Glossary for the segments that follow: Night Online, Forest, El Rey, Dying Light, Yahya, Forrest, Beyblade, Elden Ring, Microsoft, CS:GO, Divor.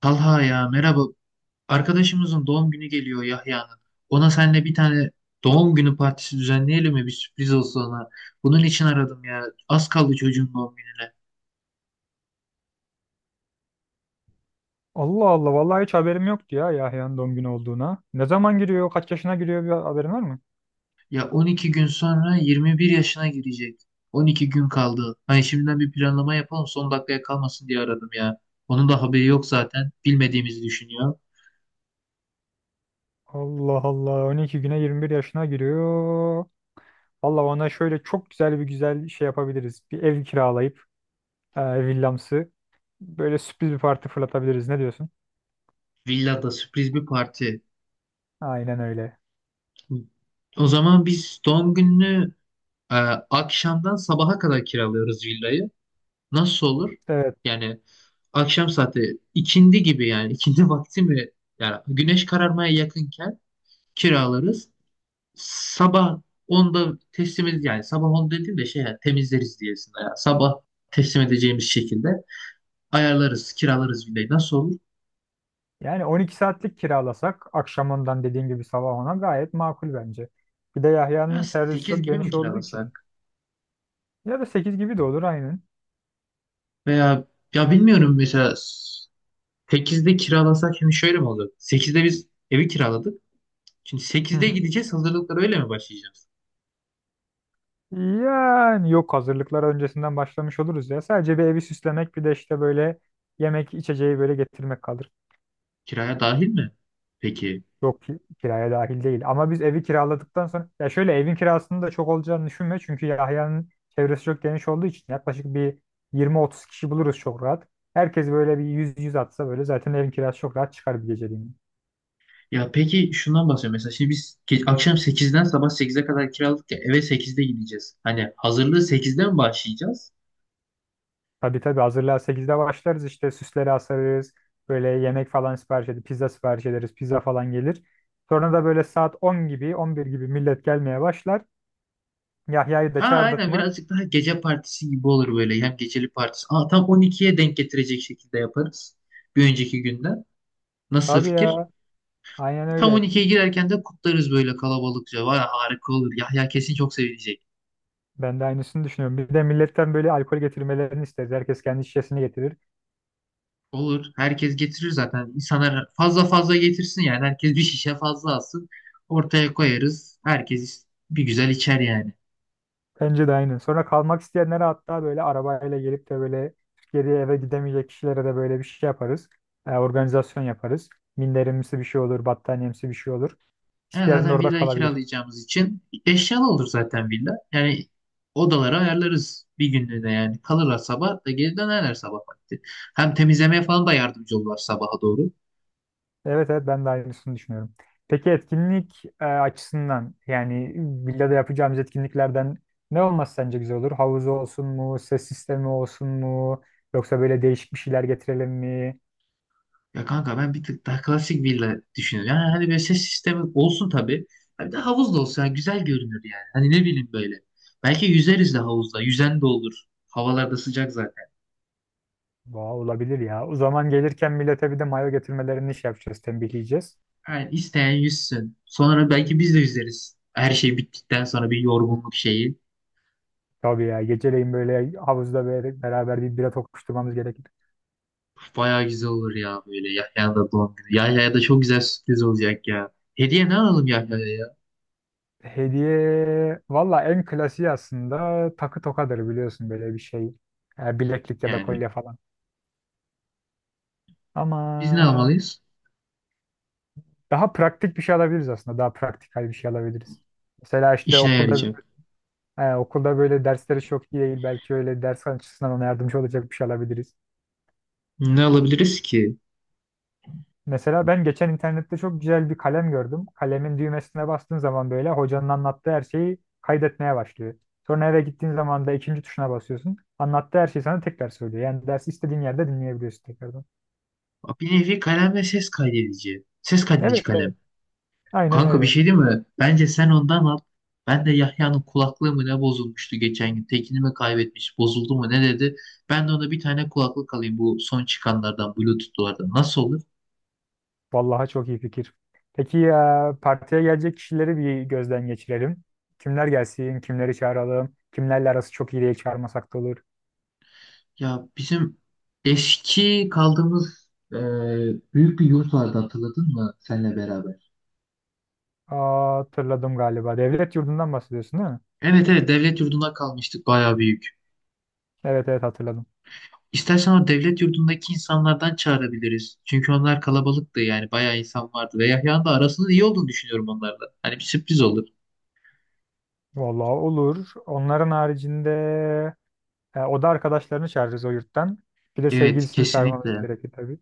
Talha ya merhaba. Arkadaşımızın doğum günü geliyor Yahya'nın. Ona seninle bir tane doğum günü partisi düzenleyelim mi? Bir sürpriz olsun ona. Bunun için aradım ya. Az kaldı çocuğun doğum gününe. Allah Allah vallahi hiç haberim yoktu ya Yahya'nın doğum günü olduğuna. Ne zaman giriyor, kaç yaşına giriyor bir haberin var mı? Ya 12 gün sonra 21 yaşına girecek. 12 gün kaldı. Hani şimdiden bir planlama yapalım son dakikaya kalmasın diye aradım ya. Onun da haberi yok zaten. Bilmediğimizi düşünüyor. Allah Allah 12 güne 21 yaşına giriyor. Allah ona şöyle çok güzel bir güzel şey yapabiliriz. Bir ev kiralayıp e, villamsı böyle sürpriz bir parti fırlatabiliriz. Ne diyorsun? Villada sürpriz bir parti. Aynen öyle. O zaman biz doğum gününü e, akşamdan sabaha kadar kiralıyoruz villayı. Nasıl olur? Evet. Yani akşam saati ikindi gibi yani ikindi vakti mi? Yani güneş kararmaya yakınken kiralarız. Sabah onda teslim edeceğiz. Yani sabah 10 dediğim de şey yani temizleriz diyesinde. Yani sabah teslim edeceğimiz şekilde ayarlarız, kiralarız villayı. Nasıl olur? Yani 12 saatlik kiralasak akşam ondan dediğin gibi sabah ona gayet makul bence. Bir de Ya Yahya'nın çevresi sekiz çok gibi mi geniş olduğu için. kiralasak? Ya da 8 gibi de olur aynen. Veya ya bilmiyorum mesela sekizde kiralasak şimdi şöyle mi olur? Sekizde biz evi kiraladık. Şimdi sekizde gideceğiz hazırlıklara öyle mi başlayacağız? Yani yok hazırlıklar öncesinden başlamış oluruz ya. Sadece bir evi süslemek bir de işte böyle yemek içeceği böyle getirmek kalır. Kiraya dahil mi? Peki. Yok ki kiraya dahil değil. Ama biz evi kiraladıktan sonra ya şöyle evin kirasının da çok olacağını düşünme. Çünkü Yahya'nın çevresi çok geniş olduğu için yaklaşık bir 20-30 kişi buluruz çok rahat. Herkes böyle bir 100-100 atsa böyle zaten evin kirası çok rahat çıkar bir geceliğine. Ya peki şundan bahsediyorum. Mesela şimdi biz akşam sekizden sabah sekize kadar kiralık ya eve sekizde gideceğiz. Hani hazırlığı sekizden mi başlayacağız? Tabii tabii hazırlığa 8'de başlarız işte süsleri asarız. Böyle yemek falan sipariş edip pizza sipariş ederiz. Pizza falan gelir. Sonra da böyle saat 10 gibi 11 gibi millet gelmeye başlar. Yahya'yı Ha da çağırdık aynen mı? birazcık daha gece partisi gibi olur böyle. Hem geceli partisi. Aa, tam 12'ye denk getirecek şekilde yaparız. Bir önceki günden. Nasıl Tabii fikir? ya aynen Tam on öyle. ikiye girerken de kutlarız böyle kalabalıkça. Vay harika olur. Yahya kesin çok sevinecek. Ben de aynısını düşünüyorum. Bir de milletten böyle alkol getirmelerini isteriz. Herkes kendi şişesini getirir. Olur. Herkes getirir zaten. İnsanlar fazla fazla getirsin yani. Herkes bir şişe fazla alsın. Ortaya koyarız. Herkes bir güzel içer yani. Bence de aynen. Sonra kalmak isteyenlere hatta böyle arabayla gelip de böyle geri eve gidemeyecek kişilere de böyle bir şey yaparız. Organizasyon yaparız. Minderimsi bir şey olur, battaniyemsi bir şey olur. Yani İsteyen de zaten orada villayı kalabilir. kiralayacağımız için eşyalı olur zaten villa. Yani odalara ayarlarız bir günlüğüne yani. Kalırlar sabah da geri dönerler sabah vakti. Hem temizlemeye falan da yardımcı olurlar sabaha doğru. Evet evet ben de aynısını düşünüyorum. Peki etkinlik açısından yani villada yapacağımız etkinliklerden ne olması sence güzel olur? Havuz olsun mu? Ses sistemi olsun mu? Yoksa böyle değişik bir şeyler getirelim mi? Ya kanka ben bir tık daha klasik villa düşünüyorum. Yani hani böyle ses sistemi olsun tabii. Ha bir de havuz da olsa yani güzel görünür yani. Hani ne bileyim böyle. Belki yüzeriz de havuzda. Yüzen de olur. Havalar da sıcak zaten. Vay, olabilir ya. O zaman gelirken millete bir de mayo getirmelerini şey yapacağız, tembihleyeceğiz. Yani isteyen yüzsün. Sonra belki biz de yüzeriz. Her şey bittikten sonra bir yorgunluk şeyi. Tabii ya geceleyin böyle havuzda böyle beraber bir bira tokuşturmamız gerekir. Bayağı güzel olur ya böyle Yahya'nın da doğum günü. Yahya'ya da çok güzel sürpriz olacak ya. Hediye ne alalım Yahya'ya ya? Hediye valla en klasiği aslında takı tokadır biliyorsun böyle bir şey. Bileklik ya da Yani kolye falan. Ama biz ne almalıyız? daha praktik bir şey alabiliriz aslında. Daha praktikal bir şey alabiliriz. Mesela işte İşine okulda yarayacak. he, okulda böyle dersleri çok iyi değil. Belki öyle ders açısından ona yardımcı olacak bir şey alabiliriz. Ne alabiliriz ki? Mesela ben geçen internette çok güzel bir kalem gördüm. Kalemin düğmesine bastığın zaman böyle hocanın anlattığı her şeyi kaydetmeye başlıyor. Sonra eve gittiğin zaman da ikinci tuşuna basıyorsun. Anlattığı her şeyi sana tekrar söylüyor. Yani dersi istediğin yerde dinleyebiliyorsun tekrardan. Bir nevi kalem ve ses kaydedici. Ses kaydedici Evet kalem. evet. Aynen Kanka bir öyle. şey değil mi? Bence sen ondan al. Ben de Yahya'nın kulaklığı mı ne bozulmuştu geçen gün. Tekini mi kaybetmiş, bozuldu mu ne dedi. Ben de ona bir tane kulaklık alayım bu son çıkanlardan, Bluetooth'lardan. Nasıl olur? Vallahi çok iyi fikir. Peki ya partiye gelecek kişileri bir gözden geçirelim. Kimler gelsin, kimleri çağıralım, kimlerle arası çok iyi diye çağırmasak da olur. Ya bizim eski kaldığımız büyük bir yurt vardı hatırladın mı senle beraber? Aa, hatırladım galiba. Devlet yurdundan bahsediyorsun değil mi? Evet evet devlet yurduna kalmıştık bayağı büyük. Evet evet hatırladım. İstersen o devlet yurdundaki insanlardan çağırabiliriz. Çünkü onlar kalabalıktı yani bayağı insan vardı. Ve Yahya'nın da arasının iyi olduğunu düşünüyorum onlarla. Hani bir sürpriz olur. Vallahi olur. Onların haricinde o da arkadaşlarını çağırırız o yurttan. Bir de Evet sevgilisini çağırmamız kesinlikle. gerekir tabii.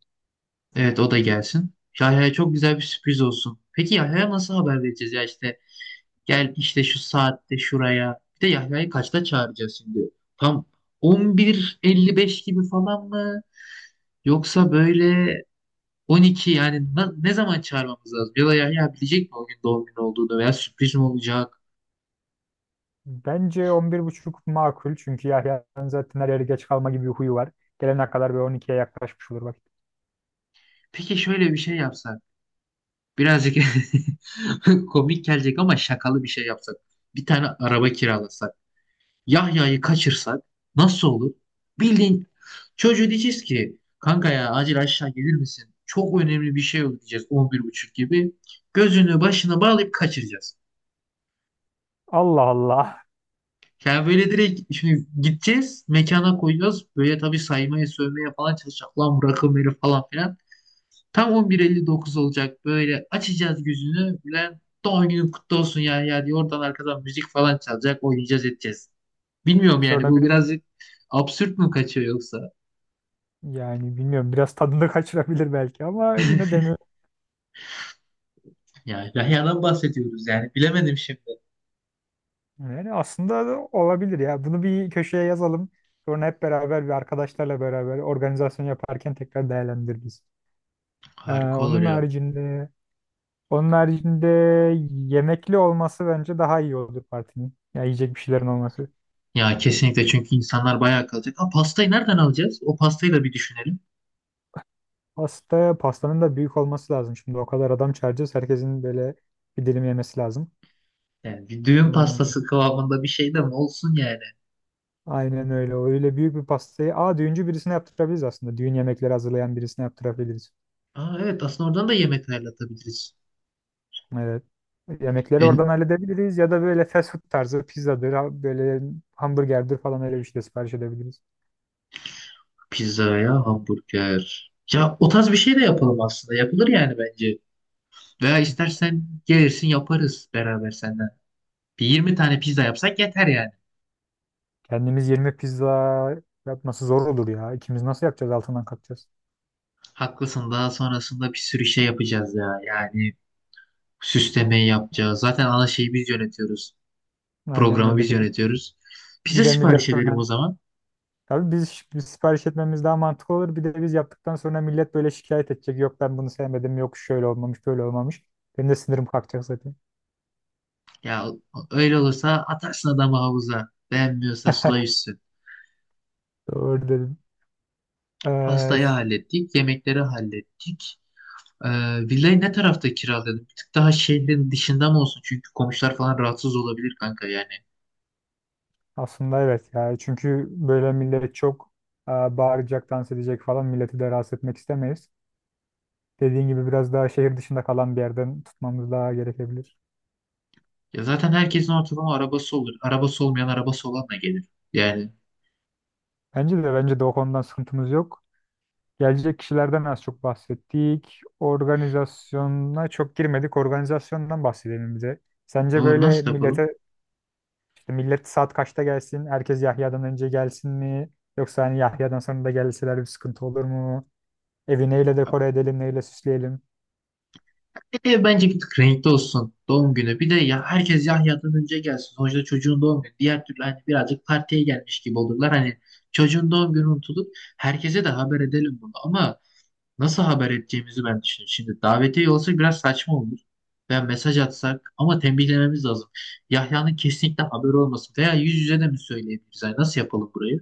Evet o da gelsin. Yahya'ya çok güzel bir sürpriz olsun. Peki Yahya'ya nasıl haber vereceğiz ya işte gel işte şu saatte şuraya. Bir de Yahya'yı kaçta çağıracağız şimdi? Tam 11.55 gibi falan mı? Yoksa böyle 12 yani ne zaman çağırmamız lazım? Ya da Yahya bilecek mi o gün doğum günü olduğunu veya sürpriz mi olacak? Bence 11.30 makul çünkü Yahya'nın zaten her yere geç kalma gibi bir huyu var. Gelene kadar bir 12'ye yaklaşmış olur vakit. Peki şöyle bir şey yapsak. Birazcık komik gelecek ama şakalı bir şey yapsak. Bir tane araba kiralasak. Yahya'yı kaçırsak nasıl olur? Bildiğin çocuğu diyeceğiz ki kanka ya acil aşağı gelir misin? Çok önemli bir şey oldu diyeceğiz 11.30 gibi. Gözünü başına bağlayıp kaçıracağız. Allah Allah. Yani böyle direkt şimdi gideceğiz mekana koyacağız. Böyle tabii saymaya sövmeye falan çalışacak. Lan bırakın beni falan filan. Tam 11.59 olacak böyle açacağız gözünü. Bülent doğum günün kutlu olsun ya ya diye oradan arkadan müzik falan çalacak oynayacağız edeceğiz. Bilmiyorum yani Sonra bu biri birazcık absürt mü kaçıyor yoksa? Yani bilmiyorum biraz tadını kaçırabilir belki ama yine denil Ya Yahya'dan bahsediyoruz yani bilemedim şimdi. yani aslında da olabilir ya. Bunu bir köşeye yazalım. Sonra hep beraber arkadaşlarla beraber organizasyon yaparken tekrar değerlendiririz. Ee, Harika olur onun ya. haricinde onun haricinde yemekli olması bence daha iyi olur partinin. Ya yiyecek bir şeylerin olması. Ya kesinlikle çünkü insanlar bayağı kalacak. Ha pastayı nereden alacağız? O pastayı da bir düşünelim. Pastanın da büyük olması lazım. Şimdi o kadar adam çağıracağız. Herkesin böyle bir dilim yemesi lazım. Yani bir düğün Hmm. pastası kıvamında bir şey de mi olsun yani? Aynen öyle. Öyle büyük bir pastayı. Aa düğüncü birisine yaptırabiliriz aslında. Düğün yemekleri hazırlayan birisine yaptırabiliriz. Aa, evet aslında oradan da yemek ayarlatabiliriz. Evet. Yemekleri E, oradan halledebiliriz ya da böyle fast food tarzı pizzadır, böyle hamburgerdir falan öyle bir şey de sipariş edebiliriz. Pizza ya hamburger. Ya o tarz bir şey de yapalım aslında. Yapılır yani bence. Veya istersen gelirsin yaparız beraber senden. Bir 20 tane pizza yapsak yeter yani. Kendimiz yirmi pizza yapması zor olur ya. İkimiz nasıl yapacağız altından kalkacağız. Haklısın daha sonrasında bir sürü şey yapacağız ya. Yani süslemeyi yapacağız. Zaten ana şeyi biz yönetiyoruz. Aynen Programı öyle. biz Bir de, yönetiyoruz. bir Pizza de sipariş millet edelim sonra. o zaman. Tabii biz sipariş etmemiz daha mantıklı olur. Bir de biz yaptıktan sonra millet böyle şikayet edecek. Yok ben bunu sevmedim, yok şöyle olmamış, böyle olmamış. Benim de sinirim kalkacak zaten. Ya öyle olursa atarsın adamı havuza. Beğenmiyorsa suda yüzsün. Doğru dedim. Ee, Pastayı ş- hallettik, yemekleri hallettik. Ee, villayı ne tarafta kiralayalım? Bir tık daha şehrin dışında mı olsun? Çünkü komşular falan rahatsız olabilir kanka yani. Aslında evet yani çünkü böyle millet çok bağıracak, dans edecek falan milleti de rahatsız etmek istemeyiz. Dediğin gibi biraz daha şehir dışında kalan bir yerden tutmamız daha gerekebilir. Ya zaten herkesin ortalama arabası olur. Arabası olmayan arabası olanla gelir. Yani Bence de o konudan sıkıntımız yok. Gelecek kişilerden az çok bahsettik. Organizasyona çok girmedik. Organizasyondan bahsedelim bize. Sence doğru böyle nasıl yapalım? İşte millet saat kaçta gelsin? Herkes Yahya'dan önce gelsin mi? Yoksa hani Yahya'dan sonra da gelseler bir sıkıntı olur mu? Evi neyle dekore edelim, neyle süsleyelim? Ev bence bir tık renkli olsun doğum günü. Bir de ya herkes Yahya'dan önce gelsin. Sonuçta çocuğun doğum günü. Diğer türlü hani birazcık partiye gelmiş gibi olurlar. Hani çocuğun doğum günü unutulup herkese de haber edelim bunu. Ama nasıl haber edeceğimizi ben düşünüyorum. Şimdi davetiye olsa biraz saçma olur. Veya mesaj atsak ama tembihlememiz lazım. Yahya'nın kesinlikle haberi olmasın. Veya yüz yüze de mi söyleyebiliriz? Yani nasıl yapalım burayı?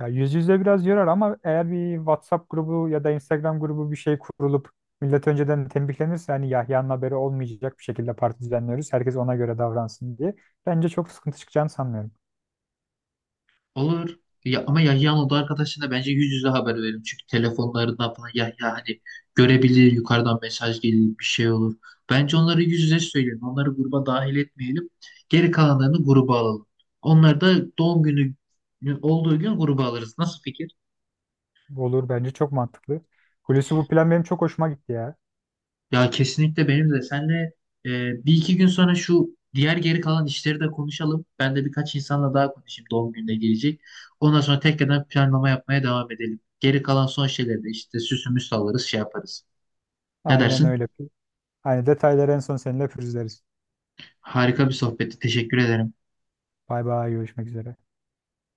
Ya yüz yüze biraz yorar ama eğer bir WhatsApp grubu ya da Instagram grubu bir şey kurulup millet önceden tembihlenirse hani Yahya'nın haberi olmayacak bir şekilde parti düzenliyoruz. Herkes ona göre davransın diye. Bence çok sıkıntı çıkacağını sanmıyorum. Olur. Ya, ama Yahya'nın oda arkadaşına bence yüz yüze haber verelim. Çünkü telefonlarından falan Yahya hani görebilir. Yukarıdan mesaj gelir bir şey olur. Bence onları yüz yüze söyleyelim. Onları gruba dahil etmeyelim. Geri kalanlarını gruba alalım. Onlar da doğum günü olduğu gün gruba alırız. Nasıl fikir? Olur bence çok mantıklı. Hulusi bu plan benim çok hoşuma gitti ya. Ya kesinlikle benim de. Senle bir iki gün sonra şu diğer geri kalan işleri de konuşalım. Ben de birkaç insanla daha konuşayım doğum gününe gelecek. Ondan sonra tekrardan planlama yapmaya devam edelim. Geri kalan son şeyleri de işte süsümüz sallarız şey yaparız. Ne Aynen dersin? öyle. Aynı detayları en son seninle pürüzleriz. Harika bir sohbetti. Teşekkür ederim. Bay bay görüşmek üzere.